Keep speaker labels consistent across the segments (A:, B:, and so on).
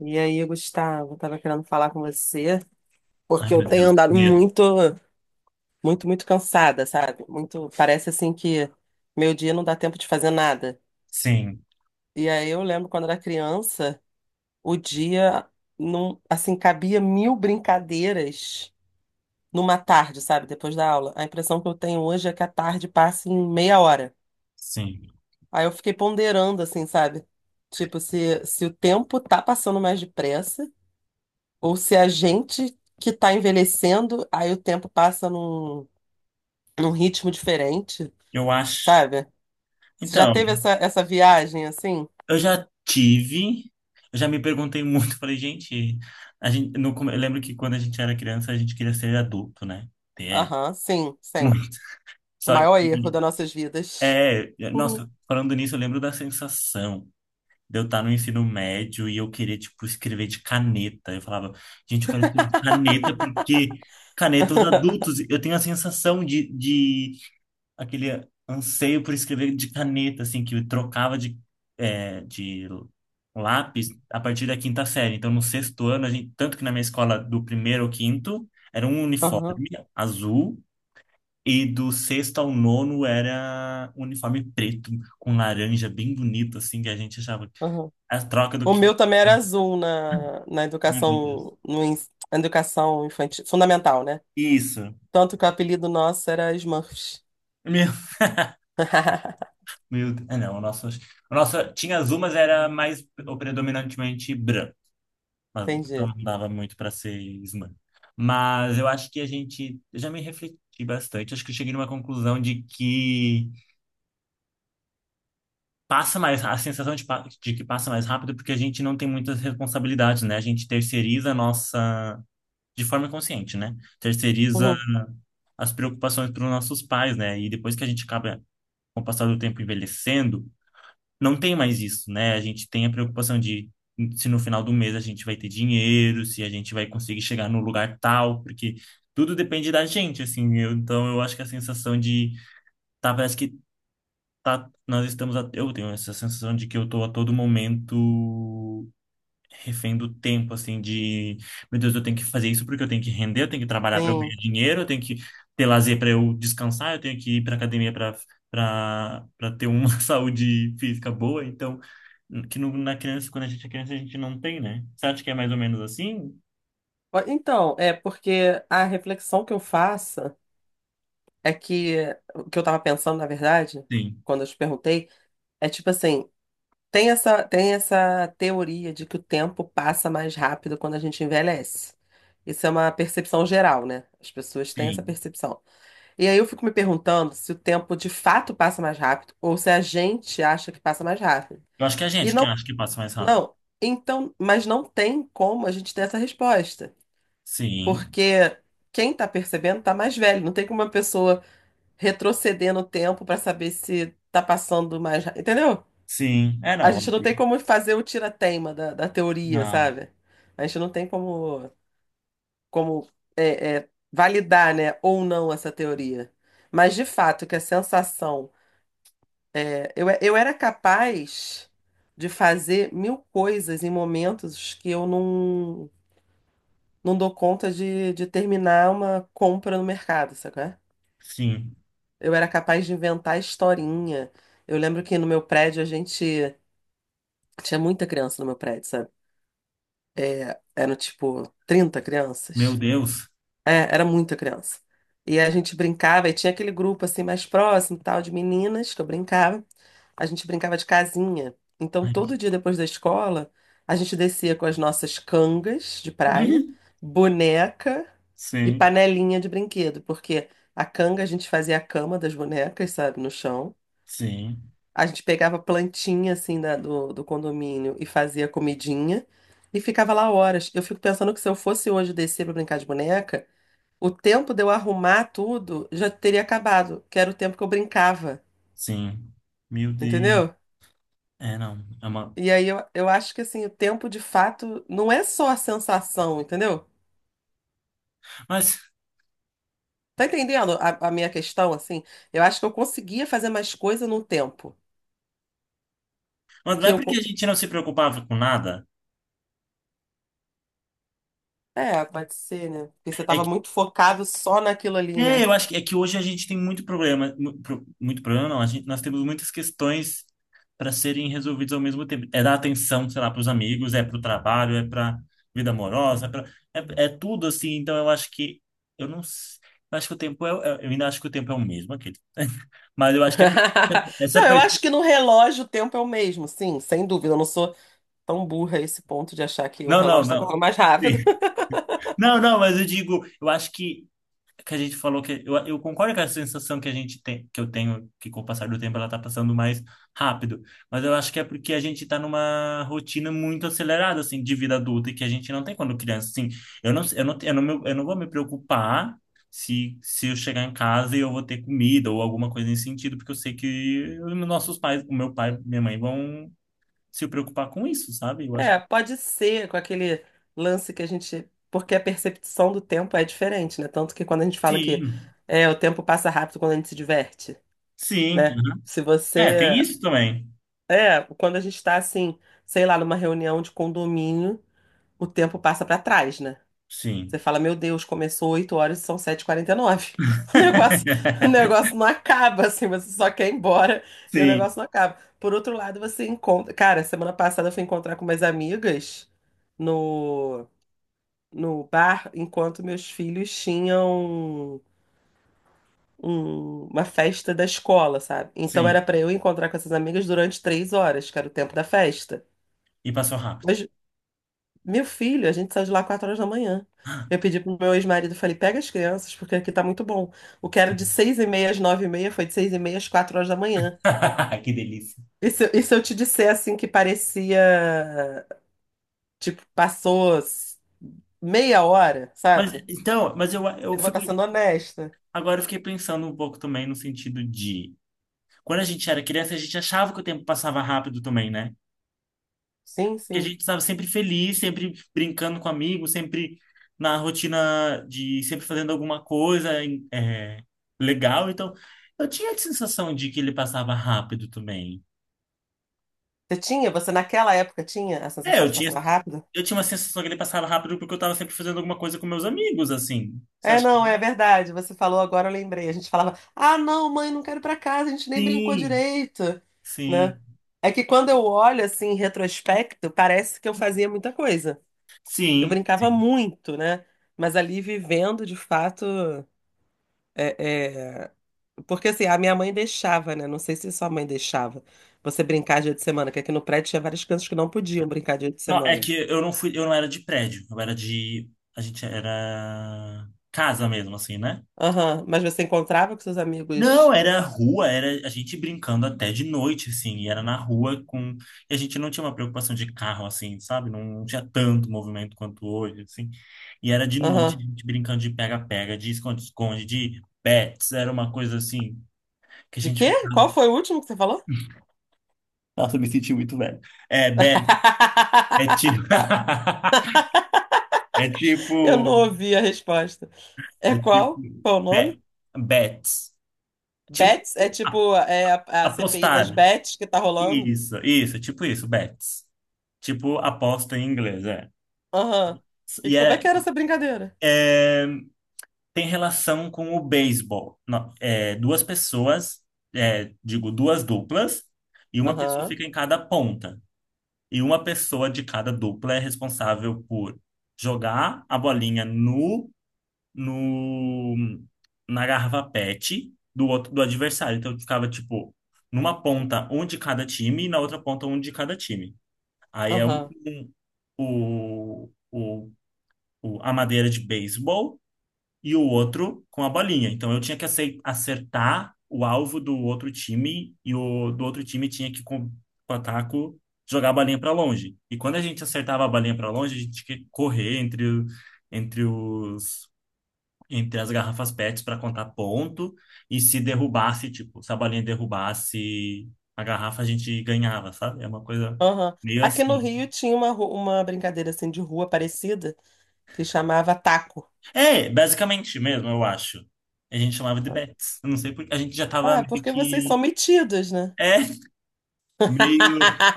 A: E aí, Gustavo, tava querendo falar com você,
B: Ai,
A: porque eu
B: meu
A: tenho
B: Deus, que
A: andado
B: medo.
A: muito cansada, sabe? Muito, parece assim que meu dia não dá tempo de fazer nada.
B: Sim,
A: E aí eu lembro quando era criança, o dia não, assim, cabia mil brincadeiras numa tarde, sabe? Depois da aula. A impressão que eu tenho hoje é que a tarde passa em meia hora.
B: sim.
A: Aí eu fiquei ponderando assim, sabe? Tipo, se o tempo tá passando mais depressa, ou se a gente que está envelhecendo, aí o tempo passa num ritmo diferente,
B: Eu acho.
A: sabe? Você já
B: Então,
A: teve essa viagem assim?
B: eu já tive, eu já me perguntei muito, falei, gente, a gente, no, come- eu lembro que quando a gente era criança, a gente queria ser adulto, né? É,
A: Aham, sim, sempre.
B: muito.
A: O
B: Só
A: maior erro
B: que,
A: das nossas vidas. Uhum,
B: nossa, falando nisso, eu lembro da sensação de eu estar no ensino médio e eu querer, tipo, escrever de caneta. Eu falava, gente, eu quero escrever de caneta porque caneta os adultos, eu tenho a sensação de aquele anseio por escrever de caneta, assim, que eu trocava de lápis a partir da quinta série. Então, no sexto ano, a gente, tanto que na minha escola, do primeiro ao quinto, era um
A: aham,
B: uniforme azul, e do sexto ao nono era um uniforme preto, com laranja, bem bonito, assim, que a gente achava.
A: aham.
B: A troca do
A: O
B: quinto.
A: meu também era azul na
B: Meu Deus.
A: educação, no, ens- na educação infantil, fundamental, né?
B: Isso.
A: Tanto que o apelido nosso era Smurfs.
B: Meu, meu Deus. Ah, não, o nosso tinha azul, mas era mais predominantemente branco. Mas então
A: Entendi.
B: não dava muito para ser slam. Mas eu acho que a gente, eu já me refleti bastante, acho que eu cheguei numa conclusão de que passa mais, a sensação de, de que passa mais rápido porque a gente não tem muitas responsabilidades, né? A gente terceiriza a nossa, de forma consciente, né? Terceiriza
A: Uhum,
B: as preocupações para os nossos pais, né? E depois que a gente acaba, com o passar do tempo, envelhecendo, não tem mais isso, né? A gente tem a preocupação de se no final do mês a gente vai ter dinheiro, se a gente vai conseguir chegar no lugar tal, porque tudo depende da gente, assim. Eu, então eu acho que a sensação de tá, parece que tá, nós estamos a, eu tenho essa sensação de que eu tô a todo momento refém do tempo, assim, de, meu Deus, eu tenho que fazer isso porque eu tenho que render, eu tenho que trabalhar para eu
A: sim.
B: ganhar dinheiro, eu tenho que ter lazer para eu descansar, eu tenho que ir para academia para ter uma saúde física boa, então que no- na criança, quando a gente é criança, a gente não tem, né? Você acha que é mais ou menos assim?
A: Ó, então, é porque a reflexão que eu faço. É que o que eu tava pensando, na verdade,
B: Sim,
A: quando eu te perguntei, é tipo assim, tem essa teoria de que o tempo passa mais rápido quando a gente envelhece. Isso é uma percepção geral, né? As pessoas têm essa
B: sim.
A: percepção. E aí eu fico me perguntando se o tempo de fato passa mais rápido ou se a gente acha que passa mais rápido.
B: Eu acho que é a
A: E
B: gente que
A: não,
B: acha que passa mais rápido.
A: não. Então, mas não tem como a gente ter essa resposta,
B: Sim,
A: porque quem tá percebendo tá mais velho. Não tem como uma pessoa retroceder no tempo para saber se tá passando mais, entendeu?
B: sim. É,
A: A
B: não.
A: gente não tem como fazer o tira-teima da teoria,
B: Não,
A: sabe? A gente não tem como, como validar, né, ou não essa teoria. Mas de fato que a sensação, eu era capaz de fazer mil coisas em momentos que eu não não dou conta de terminar uma compra no mercado, sabe?
B: sim.
A: Eu era capaz de inventar historinha. Eu lembro que no meu prédio a gente tinha muita criança no meu prédio, sabe? Eram tipo 30
B: Meu
A: crianças.
B: Deus.
A: É, era muita criança. E a gente brincava, e tinha aquele grupo assim mais próximo, e tal, de meninas que eu brincava. A gente brincava de casinha. Então,
B: Ai.
A: todo dia depois da escola, a gente descia com as nossas cangas de praia, boneca e
B: Sim,
A: panelinha de brinquedo, porque a canga a gente fazia a cama das bonecas, sabe, no chão.
B: sim,
A: A gente pegava plantinha assim do condomínio e fazia comidinha e ficava lá horas. Eu fico pensando que se eu fosse hoje descer pra brincar de boneca, o tempo de eu arrumar tudo já teria acabado, que era o tempo que eu brincava,
B: sim. Meu Deus.
A: entendeu?
B: É, não. É uma...
A: E aí eu acho que assim, o tempo de fato não é só a sensação, entendeu?
B: Mas,
A: Tá entendendo a minha questão, assim? Eu acho que eu conseguia fazer mais coisa num tempo
B: mas não
A: que
B: é porque a gente não se preocupava com nada.
A: é, pode ser, né? Porque você
B: É
A: tava
B: que,
A: muito focado só naquilo ali, né?
B: eu acho que é que hoje a gente tem muito problema. Muito problema, não. A gente, nós temos muitas questões para serem resolvidas ao mesmo tempo. É dar atenção, sei lá, para os amigos, é para o trabalho, é para vida amorosa, é tudo assim. Então eu acho que. Eu não. s- Eu acho que o tempo é. Eu ainda acho que o tempo é o mesmo, aquele. Mas eu acho que é per- essa
A: Não, eu acho que
B: percepção.
A: no relógio o tempo é o mesmo, sim, sem dúvida. Eu não sou tão burra a esse ponto de achar que o
B: Não,
A: relógio
B: não,
A: está
B: não.
A: correndo mais
B: Sim.
A: rápido.
B: Não, não, mas eu digo, eu acho que a gente falou que eu concordo com a sensação que a gente tem, que eu tenho, que com o passar do tempo ela tá passando mais rápido, mas eu acho que é porque a gente tá numa rotina muito acelerada assim de vida adulta e que a gente não tem quando criança, assim. Eu não vou me preocupar se eu chegar em casa e eu vou ter comida ou alguma coisa nesse sentido, porque eu sei que os nossos pais, o meu pai, minha mãe vão se preocupar com isso, sabe? Eu acho
A: É,
B: que
A: pode ser com aquele lance que a gente. Porque a percepção do tempo é diferente, né? Tanto que quando a gente fala que
B: sim,
A: o tempo passa rápido quando a gente se diverte,
B: sim.
A: né? Se
B: É, tem
A: você.
B: isso também.
A: É, quando a gente está assim, sei lá, numa reunião de condomínio, o tempo passa para trás, né? Você
B: Sim.
A: fala, meu Deus, começou 8 horas e são sete e quarenta e nove. O negócio, o negócio não acaba, assim, você só quer ir embora e o
B: Sim.
A: negócio não acaba. Por outro lado, você encontra. Cara, semana passada eu fui encontrar com umas amigas no, no bar, enquanto meus filhos tinham uma festa da escola, sabe? Então
B: Sim.
A: era pra eu encontrar com essas amigas durante três horas, que era o tempo da festa.
B: E passou rápido.
A: Mas, meu filho, a gente saiu de lá quatro horas da manhã. Eu pedi pro meu ex-marido, falei, pega as crianças, porque aqui tá muito bom. O que era de
B: Sim.
A: seis e meia às nove e meia foi de seis e meia às quatro horas da manhã.
B: Que delícia.
A: E se eu te disser, assim, que parecia, tipo, meia hora,
B: Mas
A: sabe?
B: então, mas eu
A: Eu vou
B: fico
A: estar sendo honesta.
B: agora eu fiquei pensando um pouco também no sentido de quando a gente era criança, a gente achava que o tempo passava rápido também, né?
A: Sim,
B: Porque a
A: sim.
B: gente estava sempre feliz, sempre brincando com amigos, sempre na rotina de sempre fazendo alguma coisa legal. Então, eu tinha a sensação de que ele passava rápido também.
A: Você naquela época tinha a
B: É,
A: sensação de que passava rápido?
B: eu tinha uma sensação que ele passava rápido porque eu estava sempre fazendo alguma coisa com meus amigos, assim. Você
A: É,
B: acha
A: não, é verdade. Você falou agora, eu lembrei. A gente falava, ah, não, mãe, não quero ir pra casa, a gente nem brincou
B: sim,
A: direito,
B: sim,
A: né? É que quando eu olho assim em retrospecto, parece que eu fazia muita coisa. Eu
B: sim,
A: brincava
B: sim.
A: muito, né? Mas ali vivendo, de fato, é, é- porque assim, a minha mãe deixava, né? Não sei se sua mãe deixava você brincar dia de semana, que aqui no prédio tinha várias crianças que não podiam brincar dia de
B: Não, é
A: semana.
B: que eu não fui, eu não era de prédio, eu era de, a gente era casa mesmo, assim, né?
A: Aham, mas você encontrava com seus
B: Não,
A: amigos.
B: era rua, era a gente brincando até de noite, assim, e era na rua com, e a gente não tinha uma preocupação de carro, assim, sabe? Não, tinha tanto movimento quanto hoje, assim. E era de noite
A: Aham.
B: a gente brincando de pega-pega, de esconde-esconde, de bets, era uma coisa assim que a
A: De
B: gente
A: quê?
B: ficava.
A: Qual foi o último que você falou?
B: Nossa, eu me senti muito velho. É, bet, é tiro.
A: Tá.
B: É tipo,
A: Eu não ouvi a resposta. É
B: é tipo
A: qual? Qual o nome?
B: bet, bets. Tipo
A: Bets? É
B: a-
A: tipo é a CPI das
B: apostar.
A: Bets que tá rolando?
B: Isso, isso, tipo isso, bets. Tipo aposta em inglês, é.
A: Aham. E
B: E
A: como é
B: é,
A: que era essa brincadeira?
B: é, tem relação com o beisebol. Não, é, duas pessoas, é, digo, duas duplas, e uma pessoa
A: Aham,
B: fica em cada ponta. E uma pessoa de cada dupla é responsável por jogar a bolinha no no, na garrafa PET do outro, do adversário. Então ficava, tipo, numa ponta um de cada time e na outra ponta um de cada time. Aí é um,
A: aham,
B: um- o, o, o- a madeira de beisebol e o outro com a bolinha. Então eu tinha que acertar o alvo do outro time e o do outro time tinha que, com o taco, jogar a bolinha para longe. E quando a gente acertava a bolinha para longe, a gente tinha que correr entre, o- entre os entre as garrafas PETs para contar ponto. E se derrubasse, tipo, se a bolinha derrubasse a garrafa, a gente ganhava, sabe? É uma coisa
A: aham.
B: meio
A: Aqui no
B: assim.
A: Rio tinha uma, uma brincadeira assim de rua parecida que chamava taco.
B: É, basicamente mesmo, eu acho. A gente chamava de bets. Eu não sei porque a gente já tava
A: Ah,
B: meio
A: porque vocês são
B: que.
A: metidos, né?
B: É, meio.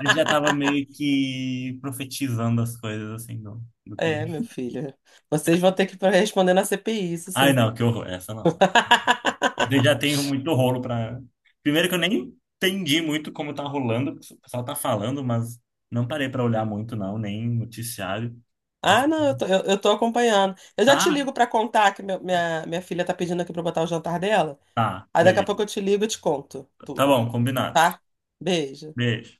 B: A gente já tava meio que profetizando as coisas, assim, do, do que.
A: É, meu filho. Vocês vão ter que responder na CPI, isso
B: Ai,
A: sim.
B: não, que horror, essa não. Eu já tenho muito rolo para. Primeiro que eu nem entendi muito como tá rolando, o pessoal tá falando, mas não parei para olhar muito, não, nem noticiário. Mas
A: Ah, não, eu tô, eu tô acompanhando. Eu já te
B: tá,
A: ligo pra contar que minha filha tá pedindo aqui pra eu botar o jantar dela.
B: tá,
A: Aí daqui a
B: beleza.
A: pouco eu te ligo e te conto
B: Tá
A: tudo,
B: bom, combinado.
A: tá? Beijo.
B: Beijo.